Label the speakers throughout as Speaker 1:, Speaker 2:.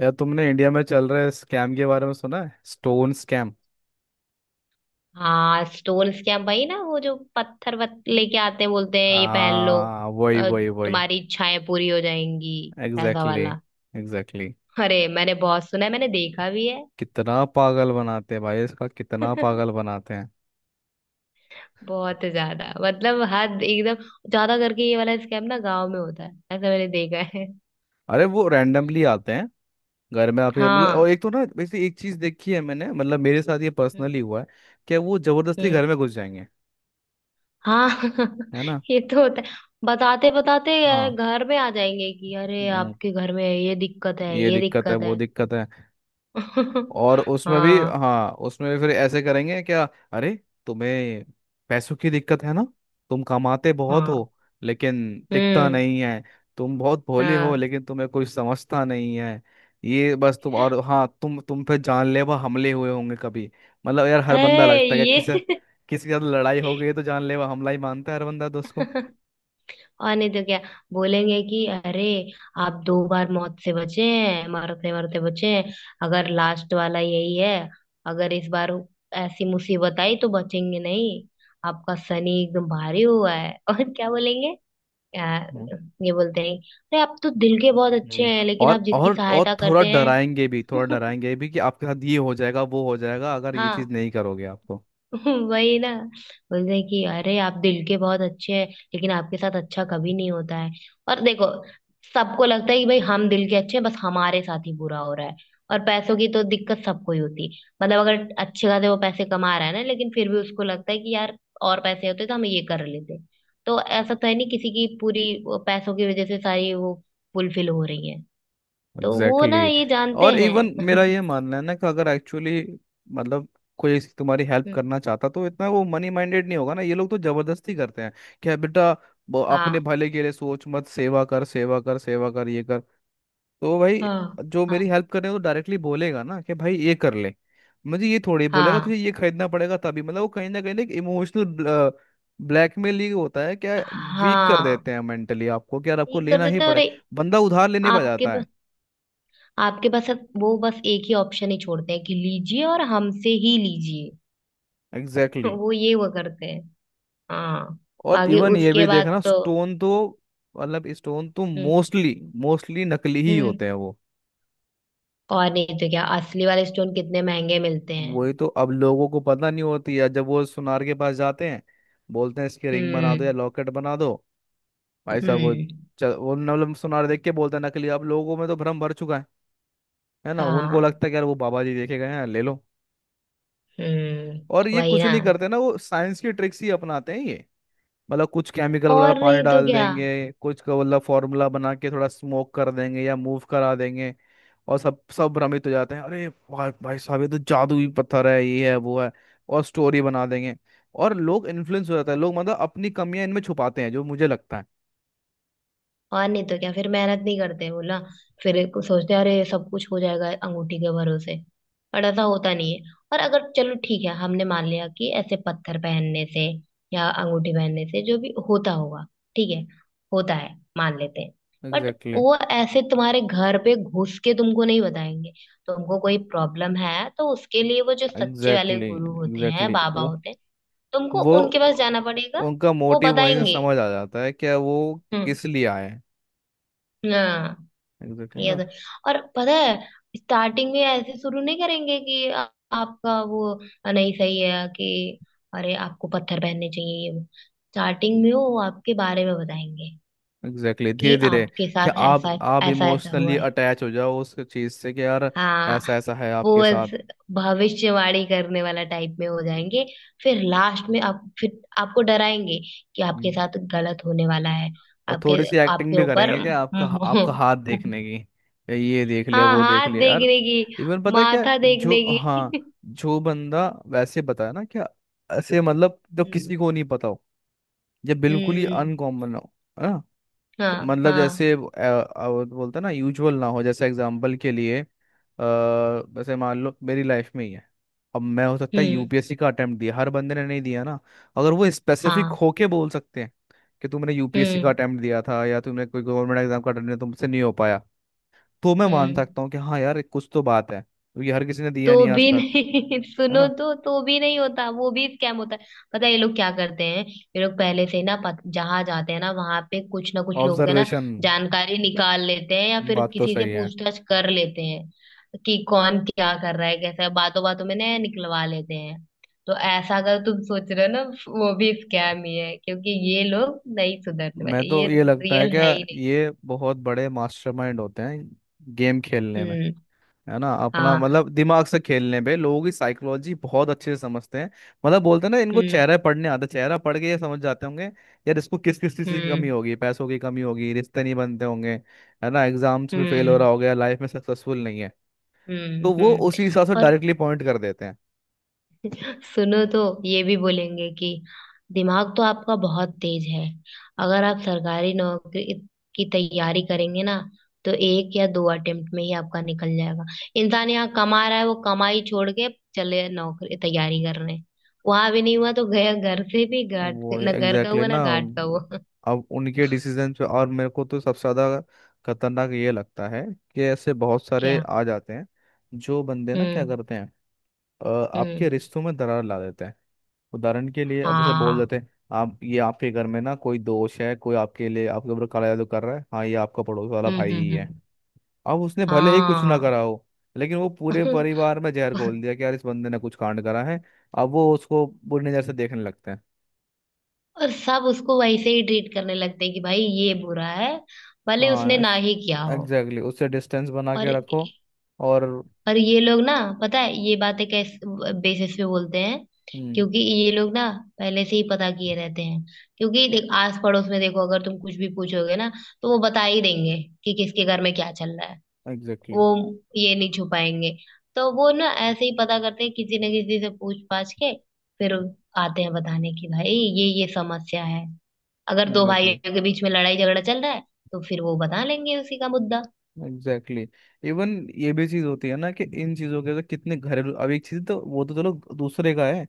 Speaker 1: यार, तुमने इंडिया में चल रहे स्कैम के बारे में सुना है? Stone scam.
Speaker 2: हाँ। स्टोन्स क्या भाई? ना वो जो पत्थर वत लेके आते हैं, बोलते हैं ये पहन लो
Speaker 1: आ, वही
Speaker 2: अ,
Speaker 1: वही वही.
Speaker 2: तुम्हारी इच्छाएं पूरी हो जाएंगी, ऐसा
Speaker 1: एग्जैक्टली,
Speaker 2: वाला।
Speaker 1: exactly. Exactly, exactly.
Speaker 2: अरे मैंने बहुत सुना है, मैंने देखा भी है।
Speaker 1: कितना पागल बनाते हैं भाई, इसका कितना पागल बनाते हैं.
Speaker 2: बहुत ज्यादा, मतलब हद एकदम। ज्यादा करके ये वाला स्कैम ना गांव में होता है, ऐसा मैंने देखा है।
Speaker 1: अरे, वो रैंडमली आते हैं घर में आपके, मतलब.
Speaker 2: हाँ।
Speaker 1: और एक तो ना, वैसे एक चीज देखी है मैंने, मतलब, मेरे साथ ये
Speaker 2: हम्म।
Speaker 1: पर्सनली हुआ है कि वो जबरदस्ती
Speaker 2: हम्म,
Speaker 1: घर में घुस जाएंगे.
Speaker 2: हाँ।
Speaker 1: है ना.
Speaker 2: ये तो होता है। बताते बताते
Speaker 1: हाँ.
Speaker 2: घर में आ जाएंगे कि अरे
Speaker 1: हम्म,
Speaker 2: आपके घर में ये दिक्कत है,
Speaker 1: ये
Speaker 2: ये
Speaker 1: दिक्कत है,
Speaker 2: दिक्कत
Speaker 1: वो
Speaker 2: है।
Speaker 1: दिक्कत है. और उसमें भी,
Speaker 2: हाँ।
Speaker 1: हाँ, उसमें भी फिर ऐसे करेंगे, क्या, अरे, तुम्हें पैसों की दिक्कत है ना, तुम कमाते बहुत
Speaker 2: हाँ।
Speaker 1: हो लेकिन टिकता
Speaker 2: हम्म।
Speaker 1: नहीं है, तुम बहुत भोले हो
Speaker 2: हाँ।
Speaker 1: लेकिन तुम्हें कोई समझता नहीं है. ये बस तुम, और हाँ, तुम पे जानलेवा हमले हुए होंगे कभी. मतलब यार, हर बंदा
Speaker 2: अरे
Speaker 1: लगता है कि किसी
Speaker 2: ये।
Speaker 1: किसी के साथ लड़ाई हो गई है तो जानलेवा हमला ही मानता है हर बंदा दोस्त को.
Speaker 2: और नहीं तो क्या? बोलेंगे कि अरे आप दो बार मौत से बचे हैं, मरते मरते बचे हैं। अगर लास्ट वाला यही है, अगर इस बार ऐसी मुसीबत आई तो बचेंगे नहीं। आपका शनि एकदम भारी हुआ है। और क्या बोलेंगे? आ,
Speaker 1: हम्म.
Speaker 2: ये बोलते हैं अरे आप तो दिल के बहुत अच्छे
Speaker 1: हम्म,
Speaker 2: हैं, लेकिन आप
Speaker 1: और
Speaker 2: जिसकी
Speaker 1: और और
Speaker 2: सहायता
Speaker 1: थोड़ा
Speaker 2: करते हैं।
Speaker 1: डराएंगे भी, थोड़ा डराएंगे भी कि आपके साथ ये हो जाएगा, वो हो जाएगा, अगर ये चीज
Speaker 2: हाँ।
Speaker 1: नहीं करोगे आप तो.
Speaker 2: वही ना। बोलते हैं कि अरे आप दिल के बहुत अच्छे हैं, लेकिन आपके साथ अच्छा कभी नहीं होता है। और देखो, सबको लगता है कि भाई हम दिल के अच्छे हैं, बस हमारे साथ ही बुरा हो रहा है। और पैसों की तो दिक्कत सबको ही होती है। मतलब अगर अच्छे खासे वो पैसे कमा रहा है ना, लेकिन फिर भी उसको लगता है कि यार और पैसे होते तो हम ये कर लेते। तो ऐसा तो है नहीं किसी की पूरी वो पैसों की वजह से सारी वो फुलफिल हो रही है। तो वो ना
Speaker 1: एग्जैक्टली,
Speaker 2: ये
Speaker 1: exactly.
Speaker 2: जानते
Speaker 1: और इवन मेरा
Speaker 2: हैं।
Speaker 1: ये मानना है ना कि अगर एक्चुअली, मतलब, कोई तुम्हारी हेल्प करना चाहता तो इतना वो मनी माइंडेड नहीं होगा ना. ये लोग तो जबरदस्ती करते हैं कि बेटा, अपने
Speaker 2: हाँ।
Speaker 1: भले के लिए सोच मत, सेवा कर, सेवा कर, सेवा कर, ये कर. तो भाई,
Speaker 2: हाँ।
Speaker 1: जो मेरी
Speaker 2: हाँ।
Speaker 1: हेल्प कर रहे हैं तो डायरेक्टली बोलेगा ना कि भाई ये कर ले. मुझे ये थोड़ी बोलेगा
Speaker 2: हाँ।
Speaker 1: तुझे ये खरीदना पड़ेगा तभी. मतलब वो कहीं ना एक इमोशनल ब्लैकमेल ही होता है क्या. वीक कर
Speaker 2: हाँ।
Speaker 1: देते हैं मेंटली आपको कि यार आपको
Speaker 2: ठीक कर
Speaker 1: लेना ही
Speaker 2: देते हैं और
Speaker 1: पड़े. बंदा उधार लेने पर
Speaker 2: आपके
Speaker 1: जाता
Speaker 2: पास,
Speaker 1: है.
Speaker 2: आपके पास अब वो बस एक ही ऑप्शन ही छोड़ते हैं कि लीजिए और हमसे ही लीजिए।
Speaker 1: एग्जैक्टली.
Speaker 2: वो ये वो करते हैं। हाँ।
Speaker 1: और
Speaker 2: बाकी
Speaker 1: इवन ये
Speaker 2: उसके
Speaker 1: भी
Speaker 2: बाद
Speaker 1: देखना,
Speaker 2: तो।
Speaker 1: स्टोन तो, मतलब, स्टोन तो
Speaker 2: हम्म।
Speaker 1: मोस्टली, मोस्टली नकली ही
Speaker 2: हम्म।
Speaker 1: होते हैं वो.
Speaker 2: और नहीं तो क्या? असली वाले स्टोन कितने महंगे मिलते हैं।
Speaker 1: वही तो. अब लोगों को पता नहीं होती है, जब वो सुनार के पास जाते हैं, बोलते हैं इसकी रिंग बना दो या
Speaker 2: हम्म।
Speaker 1: लॉकेट बना दो. भाई साहब, वो
Speaker 2: हम्म।
Speaker 1: चल, वो, मतलब, सुनार देख के बोलते हैं नकली. अब लोगों में तो भ्रम भर चुका है ना. उनको
Speaker 2: हाँ।
Speaker 1: लगता है कि यार वो बाबा जी देखे गए हैं, ले लो.
Speaker 2: हम्म।
Speaker 1: और ये
Speaker 2: वही
Speaker 1: कुछ
Speaker 2: ना।
Speaker 1: नहीं करते ना, वो साइंस की ट्रिक्स ही अपनाते हैं ये. मतलब कुछ केमिकल वगैरह
Speaker 2: और
Speaker 1: पानी
Speaker 2: नहीं तो
Speaker 1: डाल
Speaker 2: क्या।
Speaker 1: देंगे, कुछ का, मतलब, फार्मूला बना के थोड़ा स्मोक कर देंगे या मूव करा देंगे. और सब सब भ्रमित हो जाते हैं, अरे भाई भाई साहब, ये तो जादुई पत्थर है, ये है, वो है. और स्टोरी बना देंगे. और लोग इन्फ्लुएंस हो जाता है. लोग, मतलब, अपनी कमियां इनमें छुपाते हैं, जो मुझे लगता है.
Speaker 2: और नहीं तो क्या, फिर मेहनत नहीं करते बोला। फिर को सोचते हैं, अरे सब कुछ हो जाएगा अंगूठी के भरोसे। पर ऐसा होता नहीं है। और अगर चलो ठीक है, हमने मान लिया कि ऐसे पत्थर पहनने से या अंगूठी पहनने से जो भी होता होगा, ठीक है, होता है मान लेते हैं। बट
Speaker 1: एग्जैक्टली,
Speaker 2: वो ऐसे तुम्हारे घर पे घुस के तुमको नहीं बताएंगे। तुमको कोई प्रॉब्लम है तो उसके लिए वो जो सच्चे वाले
Speaker 1: एग्जैक्टली,
Speaker 2: गुरु होते हैं,
Speaker 1: एग्जैक्टली.
Speaker 2: बाबा
Speaker 1: वो
Speaker 2: होते हैं, तुमको
Speaker 1: वो
Speaker 2: उनके पास जाना पड़ेगा।
Speaker 1: उनका
Speaker 2: वो
Speaker 1: मोटिव वहीं से
Speaker 2: बताएंगे।
Speaker 1: समझ आ जाता है, क्या वो
Speaker 2: हम्म।
Speaker 1: किस लिए आए हैं.
Speaker 2: हाँ। ये
Speaker 1: एग्जैक्टली.
Speaker 2: तो। और पता है स्टार्टिंग में ऐसे शुरू नहीं करेंगे कि आपका वो नहीं सही है कि अरे आपको पत्थर पहनने चाहिए, ये वो। स्टार्टिंग में वो आपके बारे में बताएंगे
Speaker 1: एग्जैक्टली,
Speaker 2: कि
Speaker 1: धीरे धीरे,
Speaker 2: आपके
Speaker 1: क्या,
Speaker 2: साथ
Speaker 1: आप
Speaker 2: ऐसा
Speaker 1: आप
Speaker 2: ऐसा ऐसा
Speaker 1: इमोशनली
Speaker 2: हुआ है।
Speaker 1: अटैच हो जाओ उस चीज से कि यार
Speaker 2: हाँ।
Speaker 1: ऐसा ऐसा है आपके
Speaker 2: वो
Speaker 1: साथ.
Speaker 2: ऐसे भविष्यवाणी करने वाला टाइप में हो जाएंगे। फिर लास्ट में आप फिर आपको डराएंगे कि आपके
Speaker 1: हम्म.
Speaker 2: साथ गलत होने वाला है,
Speaker 1: और थोड़ी
Speaker 2: आपके
Speaker 1: सी एक्टिंग
Speaker 2: आपके
Speaker 1: भी
Speaker 2: ऊपर।
Speaker 1: करेंगे कि आपका आपका हाथ देखने की, ये देख लिया,
Speaker 2: हाँ,
Speaker 1: वो देख
Speaker 2: हाथ
Speaker 1: लिया, यार.
Speaker 2: देखने की,
Speaker 1: इवन पता है क्या
Speaker 2: माथा
Speaker 1: जो,
Speaker 2: देखने
Speaker 1: हाँ,
Speaker 2: की।
Speaker 1: जो बंदा वैसे बताया ना क्या, ऐसे, मतलब, जो
Speaker 2: हम्म।
Speaker 1: किसी को नहीं पता हो, जब बिल्कुल ही
Speaker 2: हम्म।
Speaker 1: अनकॉमन हो, है ना,
Speaker 2: हाँ।
Speaker 1: मतलब
Speaker 2: हाँ।
Speaker 1: जैसे, वो बोलते हैं ना यूजुअल ना हो. जैसे एग्जांपल के लिए, जैसे मान लो मेरी लाइफ में ही है. अब मैं, हो सकता है,
Speaker 2: हम्म।
Speaker 1: यूपीएससी का अटेम्प्ट दिया, हर बंदे ने नहीं दिया ना. अगर वो स्पेसिफिक
Speaker 2: हाँ।
Speaker 1: होके बोल सकते हैं कि तुमने यूपीएससी का
Speaker 2: हम्म।
Speaker 1: अटेम्प्ट दिया था या तुमने कोई गवर्नमेंट एग्जाम का अटेम्प्ट दिया, तुमसे नहीं हो पाया, तो मैं मान
Speaker 2: हम्म।
Speaker 1: सकता हूँ कि हाँ यार कुछ तो बात है, क्योंकि हर किसी ने दिया
Speaker 2: तो
Speaker 1: नहीं आज
Speaker 2: भी
Speaker 1: तक.
Speaker 2: नहीं।
Speaker 1: है
Speaker 2: सुनो
Speaker 1: ना.
Speaker 2: तो भी नहीं होता, वो भी स्कैम होता है। पता है ये लोग क्या करते हैं? ये लोग पहले से ही ना जहाँ जाते हैं ना वहां पे कुछ ना कुछ लोग है ना,
Speaker 1: ऑब्जर्वेशन.
Speaker 2: जानकारी निकाल लेते हैं या फिर
Speaker 1: बात तो
Speaker 2: किसी से
Speaker 1: सही है.
Speaker 2: पूछताछ कर लेते हैं कि कौन क्या कर रहा है, कैसा है, बातों बातों में नया निकलवा लेते हैं। तो ऐसा अगर तुम सोच रहे हो ना, वो भी स्कैम ही है, क्योंकि ये लोग नहीं सुधरने
Speaker 1: मैं
Speaker 2: वाले, ये
Speaker 1: तो, ये लगता है
Speaker 2: रियल
Speaker 1: कि
Speaker 2: है ही नहीं।
Speaker 1: ये बहुत बड़े मास्टरमाइंड होते हैं गेम खेलने में,
Speaker 2: हम्म।
Speaker 1: है ना. अपना,
Speaker 2: हाँ।
Speaker 1: मतलब, दिमाग से खेलने पे लोगों की साइकोलॉजी बहुत अच्छे से समझते हैं. मतलब बोलते हैं ना, इनको
Speaker 2: हम्म।
Speaker 1: चेहरा पढ़ने आता है, चेहरा पढ़ के ये समझ जाते होंगे यार इसको किस किस चीज की
Speaker 2: हम्म।
Speaker 1: कमी होगी, पैसों की कमी होगी, रिश्ते नहीं बनते होंगे, है ना, एग्जाम्स में फेल हो
Speaker 2: हम्म।
Speaker 1: रहा होगा, लाइफ में सक्सेसफुल नहीं है.
Speaker 2: हम्म।
Speaker 1: तो वो
Speaker 2: हम्म।
Speaker 1: उसी हिसाब से
Speaker 2: और
Speaker 1: डायरेक्टली पॉइंट कर देते हैं.
Speaker 2: सुनो तो ये भी बोलेंगे कि दिमाग तो आपका बहुत तेज है, अगर आप सरकारी नौकरी की तैयारी करेंगे ना तो एक या दो अटेम्प्ट में ही आपका निकल जाएगा। इंसान यहाँ कमा रहा है, वो कमाई छोड़ के चले नौकरी तैयारी करने, वहां भी नहीं हुआ तो गया घर से भी घाट।
Speaker 1: वो
Speaker 2: ना घर का
Speaker 1: एग्जैक्टली
Speaker 2: हुआ ना
Speaker 1: ना,
Speaker 2: घाट का हुआ।
Speaker 1: अब उनके डिसीजन पे. और मेरे को तो सबसे ज्यादा खतरनाक ये लगता है कि ऐसे बहुत सारे
Speaker 2: क्या।
Speaker 1: आ जाते हैं, जो बंदे ना क्या
Speaker 2: हम्म।
Speaker 1: करते हैं, आपके
Speaker 2: हम्म।
Speaker 1: रिश्तों में दरार ला देते हैं. उदाहरण के लिए, अब ऐसे बोल
Speaker 2: हाँ।
Speaker 1: देते हैं, आप ये आपके घर में ना कोई दोष है, कोई आपके लिए आपके ऊपर काला जादू कर रहा है, हाँ, ये आपका पड़ोस वाला
Speaker 2: हम्म।
Speaker 1: भाई
Speaker 2: हम्म।
Speaker 1: ही है.
Speaker 2: हम्म।
Speaker 1: अब उसने भले ही कुछ ना
Speaker 2: हाँ।
Speaker 1: करा हो, लेकिन वो पूरे परिवार में जहर घोल दिया कि यार इस बंदे ने कुछ कांड करा है. अब वो उसको बुरी नजर से देखने लगते हैं.
Speaker 2: और सब उसको वैसे ही ट्रीट करने लगते हैं कि भाई ये बुरा है, भले उसने
Speaker 1: हाँ,
Speaker 2: ना ही किया हो।
Speaker 1: एग्जैक्टली, उससे डिस्टेंस बना
Speaker 2: और
Speaker 1: के रखो. और.
Speaker 2: और ये लोग ना, पता है ये बातें कैसे बेसिस पे बोलते हैं?
Speaker 1: हम्म.
Speaker 2: क्योंकि ये लोग ना पहले से ही पता किए रहते हैं। क्योंकि देख आस पड़ोस में देखो, अगर तुम कुछ भी पूछोगे ना तो वो बता ही देंगे कि किसके घर में क्या चल रहा है।
Speaker 1: एग्जैक्टली,
Speaker 2: वो ये नहीं छुपाएंगे। तो वो ना ऐसे ही पता करते हैं किसी न किसी से पूछ पाछ के। फिर आते हैं बताने की भाई ये समस्या है। अगर दो
Speaker 1: एग्जैक्टली.
Speaker 2: भाइयों के बीच में लड़ाई झगड़ा चल रहा है तो फिर वो बता लेंगे उसी का मुद्दा।
Speaker 1: Exactly, exactly. इवन ये भी चीज होती है ना कि इन चीजों के तो कितने घरेलू. अब एक चीज तो, वो तो चलो, दूसरे का है.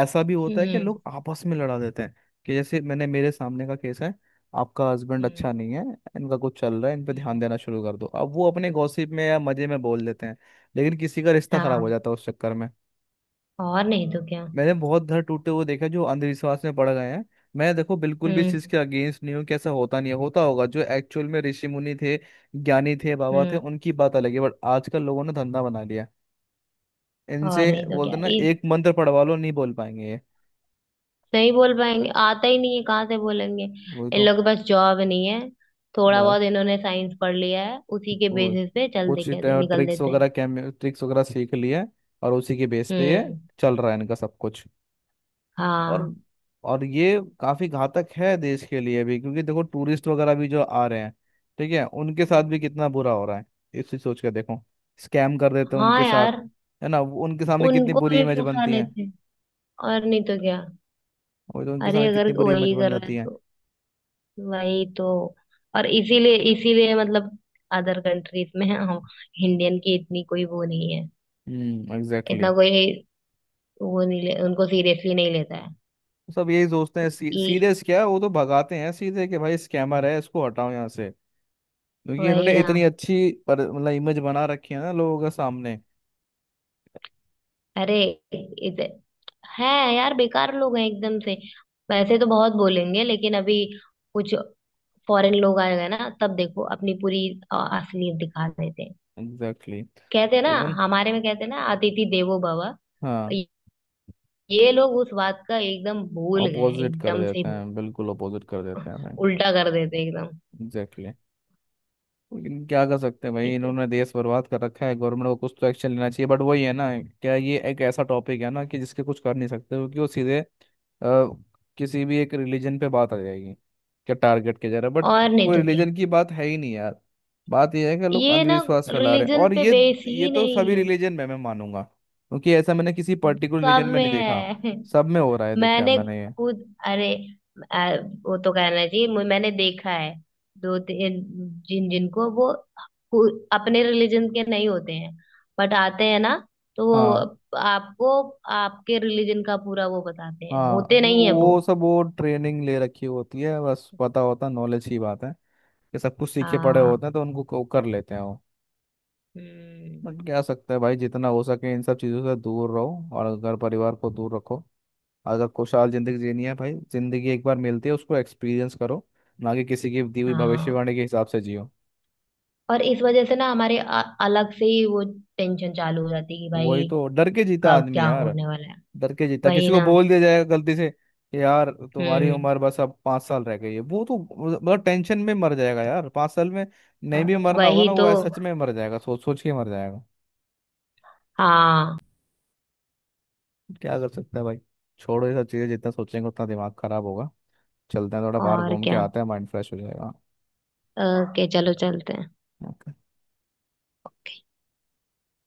Speaker 1: ऐसा भी होता है कि
Speaker 2: हम्म।
Speaker 1: लोग आपस में लड़ा देते हैं, कि जैसे मैंने, मेरे सामने का केस है. आपका हस्बैंड
Speaker 2: हम्म।
Speaker 1: अच्छा नहीं है, इनका कुछ चल रहा है, इन पे ध्यान
Speaker 2: हम्म।
Speaker 1: देना शुरू कर दो. अब वो अपने गॉसिप में या मजे में बोल देते हैं, लेकिन किसी का रिश्ता खराब हो
Speaker 2: हाँ।
Speaker 1: जाता है उस चक्कर में.
Speaker 2: और नहीं तो क्या।
Speaker 1: मैंने बहुत घर टूटे हुए देखा जो अंधविश्वास में पड़ गए हैं. मैं, देखो, बिल्कुल भी इस
Speaker 2: हम्म।
Speaker 1: चीज के अगेंस्ट नहीं हूँ कि ऐसा होता नहीं है, होता होगा, जो एक्चुअल में ऋषि मुनि थे, ज्ञानी थे, बाबा थे,
Speaker 2: हम्म।
Speaker 1: उनकी बात अलग है. बट आजकल लोगों ने धंधा बना लिया.
Speaker 2: और
Speaker 1: इनसे
Speaker 2: नहीं तो
Speaker 1: बोलते
Speaker 2: क्या।
Speaker 1: ना
Speaker 2: इस
Speaker 1: एक मंत्र पढ़वा लो, नहीं बोल पाएंगे ये.
Speaker 2: नहीं बोल पाएंगे, आता ही नहीं है, कहाँ से बोलेंगे,
Speaker 1: वही
Speaker 2: इन
Speaker 1: तो.
Speaker 2: लोगों के पास जॉब नहीं है। थोड़ा
Speaker 1: बस
Speaker 2: बहुत इन्होंने साइंस पढ़ लिया है, उसी के
Speaker 1: वो
Speaker 2: बेसिस पे चल दे
Speaker 1: कुछ
Speaker 2: कहते निकल
Speaker 1: ट्रिक्स
Speaker 2: देते हैं।
Speaker 1: वगैरह, कैम ट्रिक्स वगैरह सीख लिए, और उसी के बेस पे ये
Speaker 2: हम्म।
Speaker 1: चल रहा है इनका सब कुछ. और
Speaker 2: हाँ।
Speaker 1: और ये काफी घातक है देश के लिए भी, क्योंकि देखो, टूरिस्ट वगैरह भी जो आ रहे हैं, ठीक है, उनके साथ भी
Speaker 2: हम्म।
Speaker 1: कितना बुरा हो रहा है. इसी सोच के, देखो, स्कैम कर देते हैं
Speaker 2: हाँ
Speaker 1: उनके साथ.
Speaker 2: यार,
Speaker 1: है ना, उनके सामने कितनी
Speaker 2: उनको
Speaker 1: बुरी
Speaker 2: भी
Speaker 1: इमेज
Speaker 2: फंसा
Speaker 1: बनती है,
Speaker 2: लेते हैं। और नहीं तो क्या।
Speaker 1: और तो उनके
Speaker 2: अरे
Speaker 1: सामने
Speaker 2: अगर
Speaker 1: कितनी बुरी इमेज
Speaker 2: वही
Speaker 1: बन
Speaker 2: कर रहे
Speaker 1: जाती
Speaker 2: हैं
Speaker 1: है.
Speaker 2: तो। वही तो। और इसीलिए इसीलिए मतलब अदर कंट्रीज में हम इंडियन की इतनी कोई वो नहीं है।
Speaker 1: हम्म. एग्जैक्टली.
Speaker 2: इतना कोई वो नहीं ले, उनको सीरियसली नहीं लेता है।
Speaker 1: सब यही सोचते हैं,
Speaker 2: ई
Speaker 1: सीरियस क्या है. वो तो भगाते हैं सीधे कि भाई स्कैमर है, इसको हटाओ यहाँ से. क्योंकि
Speaker 2: वही
Speaker 1: इन्होंने
Speaker 2: ना।
Speaker 1: इतनी अच्छी, पर, मतलब, इमेज बना रखी है ना लोगों के सामने.
Speaker 2: अरे इधर है। यार बेकार लोग हैं एकदम से। वैसे तो बहुत बोलेंगे, लेकिन अभी कुछ फॉरेन लोग आए हुए हैं ना तब देखो अपनी पूरी असलियत दिखा देते हैं।
Speaker 1: एग्जैक्टली.
Speaker 2: कहते हैं ना,
Speaker 1: इवन,
Speaker 2: हमारे में कहते हैं ना अतिथि देवो भव।
Speaker 1: हाँ,
Speaker 2: ये लोग उस बात का एकदम भूल गए हैं,
Speaker 1: अपोजिट कर
Speaker 2: एकदम से ही।
Speaker 1: देते हैं, बिल्कुल अपोजिट कर देते हैं भाई.
Speaker 2: उल्टा कर देते एकदम।
Speaker 1: Exactly, exactly. लेकिन क्या कर सकते हैं भाई,
Speaker 2: ये तो।
Speaker 1: इन्होंने देश बर्बाद कर रखा है. गवर्नमेंट को कुछ तो एक्शन लेना चाहिए, बट वही है ना. क्या, ये एक ऐसा टॉपिक है ना कि जिसके कुछ कर नहीं सकते, क्योंकि वो सीधे, किसी भी एक रिलीजन पे बात आ जाएगी. क्या टारगेट किया जा रहा है. बट
Speaker 2: और नहीं
Speaker 1: कोई
Speaker 2: तो क्या।
Speaker 1: रिलीजन की बात है ही नहीं यार. बात यह है कि लोग
Speaker 2: ये ना
Speaker 1: अंधविश्वास फैला रहे हैं
Speaker 2: रिलीजन
Speaker 1: और
Speaker 2: पे
Speaker 1: ये.
Speaker 2: बेस
Speaker 1: ये
Speaker 2: ही
Speaker 1: तो
Speaker 2: नहीं
Speaker 1: सभी
Speaker 2: है।
Speaker 1: रिलीजन में मैं मानूंगा, क्योंकि ऐसा मैंने किसी पर्टिकुलर
Speaker 2: सब
Speaker 1: रिलीजन में
Speaker 2: में
Speaker 1: नहीं देखा.
Speaker 2: है।
Speaker 1: सब में हो रहा है, देखा
Speaker 2: मैंने
Speaker 1: मैंने ये.
Speaker 2: खुद अरे वो तो कहना चाहिए मैंने देखा है दो तीन जिन जिनको वो खु- अपने रिलीजन के नहीं होते हैं बट आते हैं ना, तो
Speaker 1: हाँ.
Speaker 2: वो आपको आपके रिलीजन का पूरा वो बताते हैं,
Speaker 1: हाँ,
Speaker 2: होते
Speaker 1: वो
Speaker 2: नहीं है वो।
Speaker 1: वो सब वो ट्रेनिंग ले रखी होती है, बस पता होता, नॉलेज की बात है कि सब कुछ सीखे पड़े
Speaker 2: हाँ।
Speaker 1: होते हैं, तो उनको कर लेते हैं वो.
Speaker 2: हम्म।
Speaker 1: बट क्या सकता है भाई, जितना हो सके इन सब चीज़ों से दूर रहो और घर परिवार को दूर रखो, अगर खुशहाल जिंदगी जीनी है भाई. जिंदगी एक बार मिलती है, उसको एक्सपीरियंस करो, ना कि किसी की दी हुई
Speaker 2: हाँ।
Speaker 1: भविष्यवाणी के हिसाब से जियो.
Speaker 2: और इस वजह से ना हमारे अलग से ही वो टेंशन चालू हो जाती है कि
Speaker 1: वही
Speaker 2: भाई
Speaker 1: तो, डर के जीता
Speaker 2: कब
Speaker 1: आदमी
Speaker 2: क्या
Speaker 1: यार.
Speaker 2: होने वाला है।
Speaker 1: डर के जीता,
Speaker 2: वही
Speaker 1: किसी को
Speaker 2: ना।
Speaker 1: बोल दिया जाएगा गलती से कि यार तुम्हारी
Speaker 2: हम्म।
Speaker 1: उम्र बस अब 5 साल रह गई है, वो तो मतलब टेंशन में मर जाएगा यार 5 साल में. नहीं भी मरना होगा
Speaker 2: वही
Speaker 1: ना,
Speaker 2: तो।
Speaker 1: वो ऐसे सच में मर जाएगा, सोच सोच के मर जाएगा.
Speaker 2: हाँ।
Speaker 1: क्या कर सकता है भाई. छोड़ो ये सब चीज़ें, जितना सोचेंगे उतना दिमाग खराब होगा. चलते हैं, थोड़ा बाहर
Speaker 2: और
Speaker 1: घूम के
Speaker 2: क्या।
Speaker 1: आते हैं, माइंड फ्रेश हो जाएगा.
Speaker 2: ओके चलो चलते हैं।